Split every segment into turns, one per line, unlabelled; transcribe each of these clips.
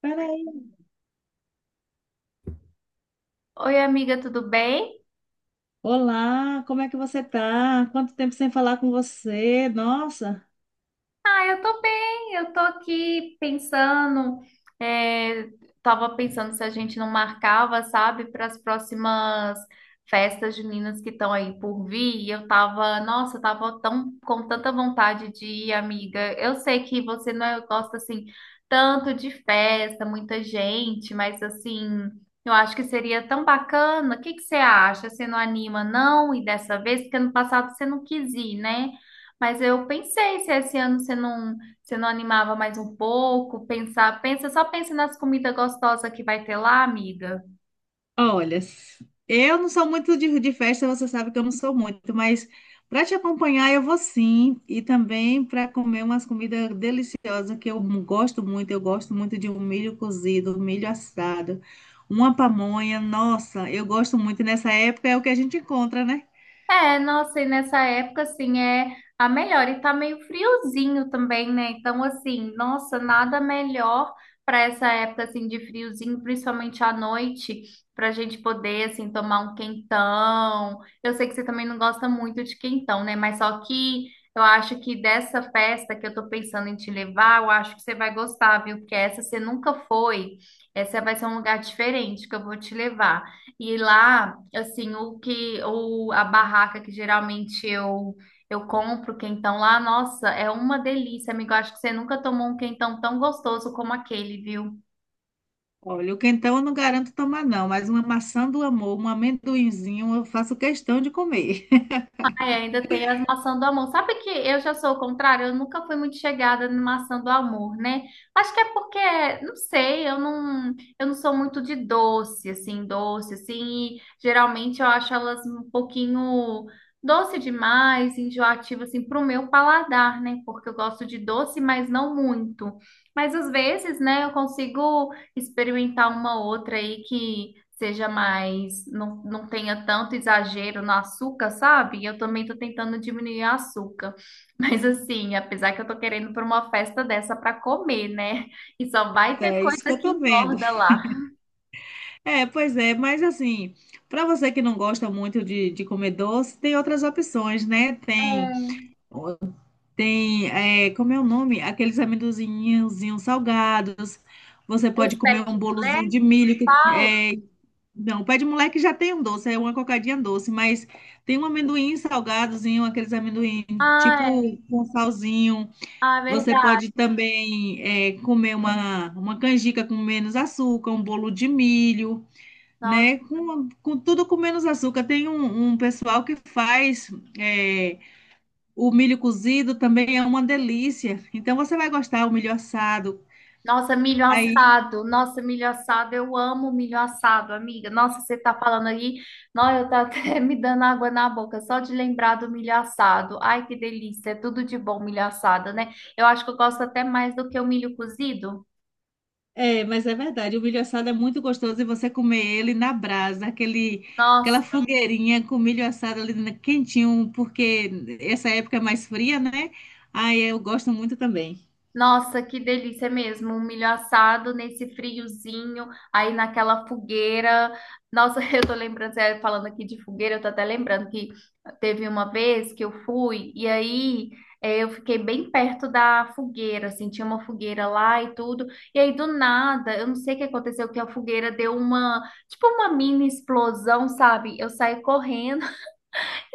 Peraí.
Oi, amiga, tudo bem?
Olá, como é que você tá? Quanto tempo sem falar com você? Nossa.
Ah, eu tô bem. Eu tô aqui pensando, é, tava pensando se a gente não marcava, sabe, para as próximas festas juninas que estão aí por vir. E eu tava, nossa, eu tava tão com tanta vontade de ir, amiga. Eu sei que você não é- gosta assim tanto de festa, muita gente, mas assim, eu acho que seria tão bacana. O que que você acha? Você não anima, não? E dessa vez, porque ano passado você não quis ir, né? Mas eu pensei se esse ano você não animava mais um pouco, pensa, só pensa nas comidas gostosas que vai ter lá, amiga.
Olha, eu não sou muito de festa, você sabe que eu não sou muito, mas para te acompanhar eu vou sim, e também para comer umas comidas deliciosas que eu gosto muito. Eu gosto muito de um milho cozido, um milho assado, uma pamonha. Nossa, eu gosto muito. E nessa época é o que a gente encontra, né?
É, nossa, e nessa época, assim, é a melhor. E tá meio friozinho também, né? Então, assim, nossa, nada melhor para essa época, assim, de friozinho, principalmente à noite, pra gente poder, assim, tomar um quentão. Eu sei que você também não gosta muito de quentão, né? Mas só que eu acho que dessa festa que eu tô pensando em te levar, eu acho que você vai gostar, viu? Porque essa você nunca foi. Essa vai ser um lugar diferente que eu vou te levar. E lá, assim, a barraca que geralmente eu compro quentão lá, nossa, é uma delícia, amigo. Eu acho que você nunca tomou um quentão tão gostoso como aquele, viu?
Olha, o quentão eu não garanto tomar, não, mas uma maçã do amor, um amendoinzinho, eu faço questão de comer.
Ai, ainda tem as maçãs do amor. Sabe que eu já sou o contrário? Eu nunca fui muito chegada na maçã do amor, né? Acho que é porque, não sei, eu não sou muito de doce, assim, e geralmente eu acho elas um pouquinho doce demais, enjoativa, assim, pro meu paladar, né? Porque eu gosto de doce, mas não muito. Mas às vezes, né, eu consigo experimentar uma outra aí que seja mais, não, não tenha tanto exagero no açúcar, sabe? Eu também tô tentando diminuir o açúcar. Mas assim, apesar que eu tô querendo para uma festa dessa para comer, né? E só vai ter
É isso que
coisa
eu
que
tô vendo.
engorda lá.
É, pois é, mas assim, para você que não gosta muito de comer doce, tem outras opções, né? Tem, como é o nome? Aqueles amendozinhos salgados. Você pode
Os pet
comer um bolozinho
flags
de
que
milho.
você fala?
Não, o pé de moleque já tem um doce, é uma cocadinha doce, mas tem um amendoim salgadozinho, aqueles amendoim
Ah,
tipo
é.
com salzinho.
Ah, é
Você
verdade.
pode também comer uma canjica com menos açúcar, um bolo de milho, né? Com tudo com menos açúcar. Tem um pessoal que faz é, o milho cozido também é uma delícia. Então você vai gostar o milho assado.
Nossa, milho
Aí,
assado. Nossa, milho assado. Eu amo milho assado, amiga. Nossa, você tá falando aí. Nossa, eu tá até me dando água na boca só de lembrar do milho assado. Ai, que delícia. É tudo de bom milho assado, né? Eu acho que eu gosto até mais do que o milho cozido.
é, mas é verdade, o milho assado é muito gostoso e você comer ele na brasa, aquele, aquela
Nossa.
fogueirinha com milho assado ali na- quentinho, porque essa época é mais fria, né? Aí eu gosto muito também.
Nossa, que delícia mesmo, um milho assado nesse friozinho, aí naquela fogueira. Nossa, eu tô lembrando, você falando aqui de fogueira, eu tô até lembrando que teve uma vez que eu fui e aí eu fiquei bem perto da fogueira, assim, tinha uma fogueira lá e tudo. E aí do nada, eu não sei o que aconteceu, que a fogueira deu uma, tipo uma mini explosão, sabe? Eu saí correndo.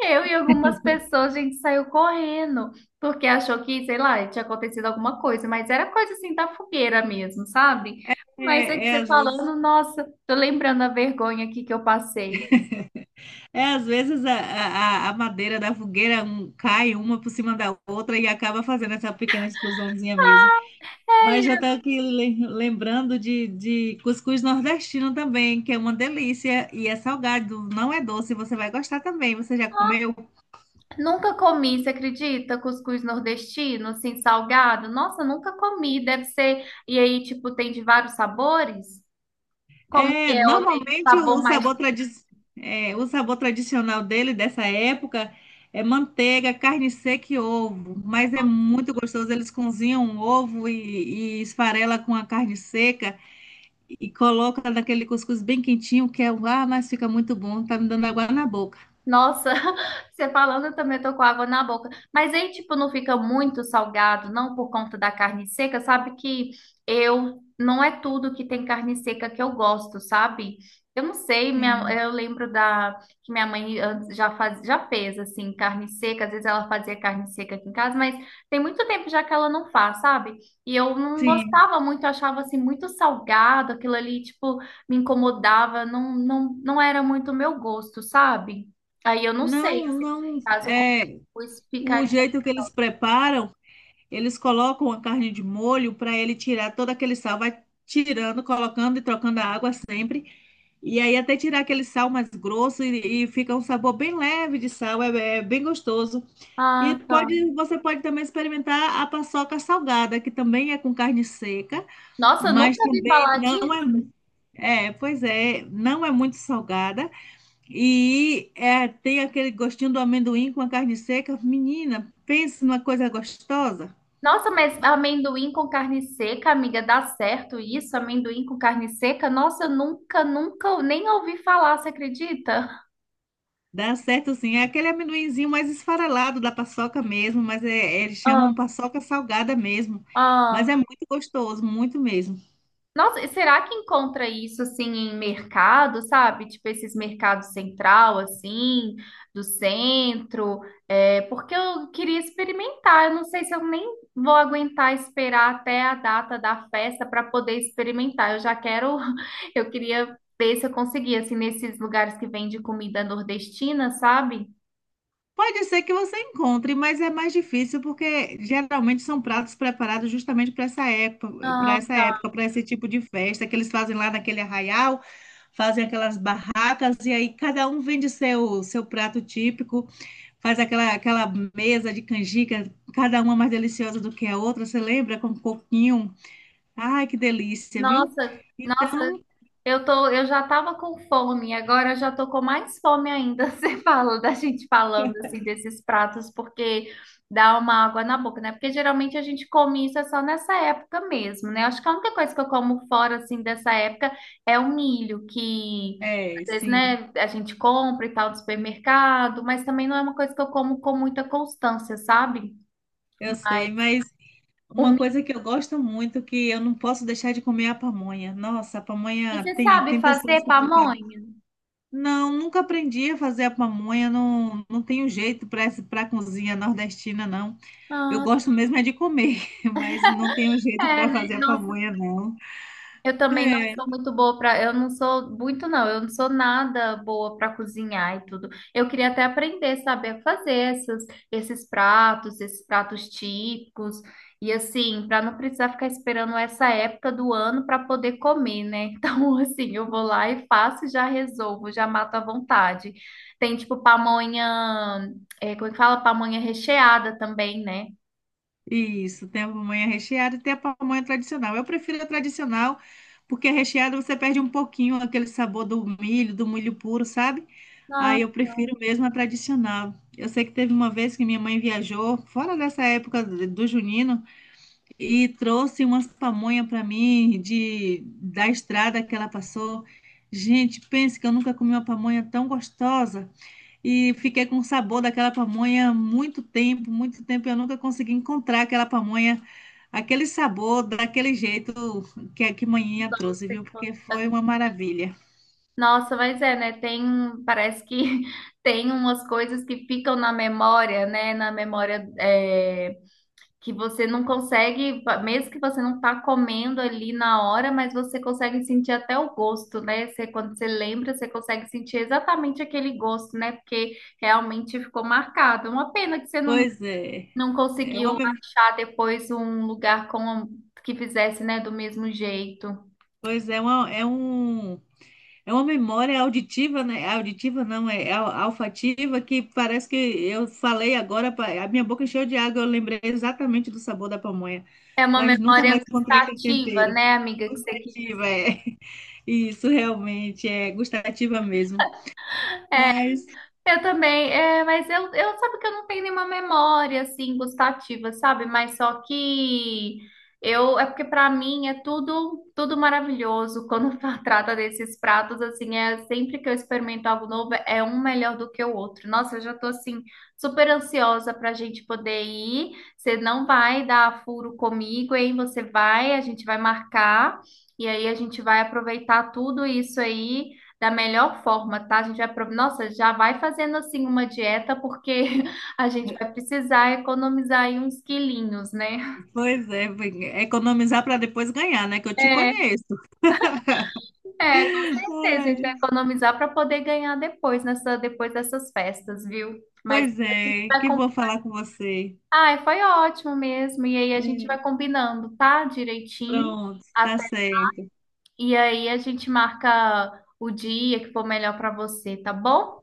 Eu e algumas pessoas, a gente saiu correndo, porque achou que, sei lá, tinha acontecido alguma coisa, mas era coisa assim da fogueira mesmo, sabe? Mas é
É,
que você falando, nossa, tô lembrando a vergonha aqui que eu passei.
é, às vezes a madeira da fogueira um- cai uma por cima da outra e acaba fazendo essa pequena explosãozinha mesmo. Mas já estou
É,
aqui le- lembrando de cuscuz nordestino também, que é uma delícia e é salgado, não é doce. Você vai gostar também. Você já comeu?
nunca comi, você acredita? Cuscuz nordestino, assim, salgado? Nossa, nunca comi, deve ser. E aí, tipo, tem de vários sabores? Como que
É,
é? Ou tem
normalmente
sabor
o
mais.
sabor, tradi é, o sabor tradicional dele, dessa época, é manteiga, carne seca e ovo. Mas é muito gostoso. Eles cozinham o ovo e esfarela com a carne seca e coloca naquele cuscuz bem quentinho, que é, ah, mas fica muito bom. Tá me dando água na boca.
Nossa, você falando, eu também tô com água na boca. Mas aí, tipo, não fica muito salgado, não por conta da carne seca. Sabe que eu não é tudo que tem carne seca que eu gosto, sabe? Eu não sei,
Sim,
eu lembro da que minha mãe antes já fez assim carne seca. Às vezes ela fazia carne seca aqui em casa, mas tem muito tempo já que ela não faz, sabe? E eu não
sim.
gostava muito, eu achava assim muito salgado, aquilo ali, tipo, me incomodava. Não, não, não era muito o meu gosto, sabe? Aí eu não
Não,
sei se
não.
caso com
É,
cuscuz
o
ficaria.
jeito que eles preparam. Eles colocam a carne de molho para ele tirar todo aquele sal, vai tirando, colocando e trocando a água sempre. E aí até tirar aquele sal mais grosso e fica um sabor bem leve de sal, é, é bem gostoso. E
Ah, tá.
pode, você pode também experimentar a paçoca salgada, que também é com carne seca,
Nossa, eu
mas
nunca ouvi
também
falar
não
disso.
é, é, pois é, não é muito salgada. E é, tem aquele gostinho do amendoim com a carne seca. Menina, pense numa coisa gostosa.
Nossa, mas amendoim com carne seca, amiga, dá certo isso? Amendoim com carne seca? Nossa, eu nunca, nunca nem ouvi falar, você acredita?
Dá certo sim. É aquele amendoinzinho mais esfarelado da paçoca mesmo, mas é, é, eles
Ah,
chamam paçoca salgada mesmo. Mas
ah.
é muito gostoso, muito mesmo.
Nossa, e será que encontra isso assim em mercado, sabe? Tipo esses mercados central, assim, do centro? É, porque eu queria experimentar. Eu não sei se eu nem vou aguentar esperar até a data da festa para poder experimentar. Eu já quero, eu queria ver se eu conseguia, assim, nesses lugares que vende comida nordestina, sabe?
Pode ser que você encontre, mas é mais difícil porque geralmente são pratos preparados justamente para essa época, para
Ah,
essa
tá.
época, para esse tipo de festa que eles fazem lá naquele arraial, fazem aquelas barracas e aí cada um vende seu prato típico, faz aquela aquela mesa de canjica, cada uma mais deliciosa do que a outra. Você lembra com um coquinho? Ai, que delícia, viu?
Nossa, nossa.
Então,
Eu já tava com fome, agora eu já tô com mais fome ainda. Você fala da gente falando assim desses pratos, porque dá uma água na boca, né? Porque geralmente a gente come isso é só nessa época mesmo, né? Acho que a única coisa que eu como fora assim dessa época é o milho, que às
é,
vezes,
sim,
né, a gente compra e tal no supermercado, mas também não é uma coisa que eu como com muita constância, sabe?
eu
Mas
sei, mas
o
uma
milho,
coisa que eu gosto muito, que eu não posso deixar de comer é a pamonha. Nossa, a
e
pamonha
você
tem,
sabe
tem pessoas
fazer
que preparam.
pamonha?
Não, nunca aprendi a fazer a pamonha, não, não tenho jeito para para cozinha nordestina, não. Eu
Ah,
gosto mesmo é de comer, mas não tenho jeito
é,
para
né?
fazer a
Nossa,
pamonha, não.
eu também não
É,
sou muito boa para, eu não sou nada boa para cozinhar e tudo. Eu queria até aprender, saber fazer esses pratos típicos e assim, para não precisar ficar esperando essa época do ano para poder comer, né? Então, assim, eu vou lá e faço, e já resolvo, já mato à vontade. Tem tipo pamonha, é, como é que fala? Pamonha recheada também, né?
isso, tem a pamonha recheada e tem a pamonha tradicional. Eu prefiro a tradicional, porque a recheada você perde um pouquinho aquele sabor do milho puro, sabe?
Ah,
Aí eu prefiro mesmo a tradicional. Eu sei que teve uma vez que minha mãe viajou, fora dessa época do junino, e trouxe umas pamonha para mim de da estrada que ela passou. Gente, pense que eu nunca comi uma pamonha tão gostosa e fiquei com o sabor daquela pamonha muito tempo, muito tempo. Eu nunca consegui encontrar aquela pamonha, aquele sabor, daquele jeito que a que manhinha trouxe, viu?
doce.
Porque foi uma maravilha.
Nossa, mas é, né? Tem, parece que tem umas coisas que ficam na memória, né? Na memória é, que você não consegue, mesmo que você não tá comendo ali na hora, mas você consegue sentir até o gosto, né? Você, quando você lembra, você consegue sentir exatamente aquele gosto, né? Porque realmente ficou marcado. Uma pena que você não,
Pois é,
não
é uma,
conseguiu
mem-
achar depois um lugar com que fizesse, né, do mesmo jeito.
pois é, uma, é um é uma memória auditiva, né? É auditiva não, é al- olfativa que parece que eu falei agora, pa- a minha boca encheu de água, eu lembrei exatamente do sabor da pamonha,
É uma
mas nunca mais
memória
encontrei aquele
gustativa,
tempero.
né, amiga, que você quis dizer.
Gustativa, é. Isso realmente é gustativa mesmo. Mas,
Eu também, é, mas eu sabe que eu não tenho nenhuma memória assim gustativa, sabe? Mas só que eu é porque pra mim é tudo maravilhoso quando trata desses pratos assim, é sempre que eu experimento algo novo é um melhor do que o outro. Nossa, eu já tô assim super ansiosa pra gente poder ir. Você não vai dar furo comigo, hein? Você vai, a gente vai marcar e aí a gente vai aproveitar tudo isso aí da melhor forma, tá? A gente vai, pro- nossa, já vai fazendo assim uma dieta porque a gente vai precisar economizar aí uns quilinhos, né?
pois é, economizar para depois ganhar, né? Que eu te
É,
conheço.
com certeza, a gente vai
Ai,
economizar para poder ganhar depois nessa depois dessas festas, viu? Mas
pois
a gente
é,
vai
que vou
combinar.
falar com você.
Ai, foi ótimo mesmo. E aí a gente vai
É,
combinando, tá? Direitinho.
pronto, tá
Até...
certo.
E aí a gente marca o dia que for melhor para você, tá bom?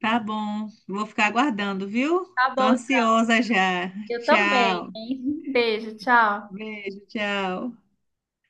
Tá bom. Vou ficar aguardando, viu?
Tá
Tô
bom.
ansiosa já.
Eu também,
Tchau.
hein? Beijo, tchau.
Beijo, tchau.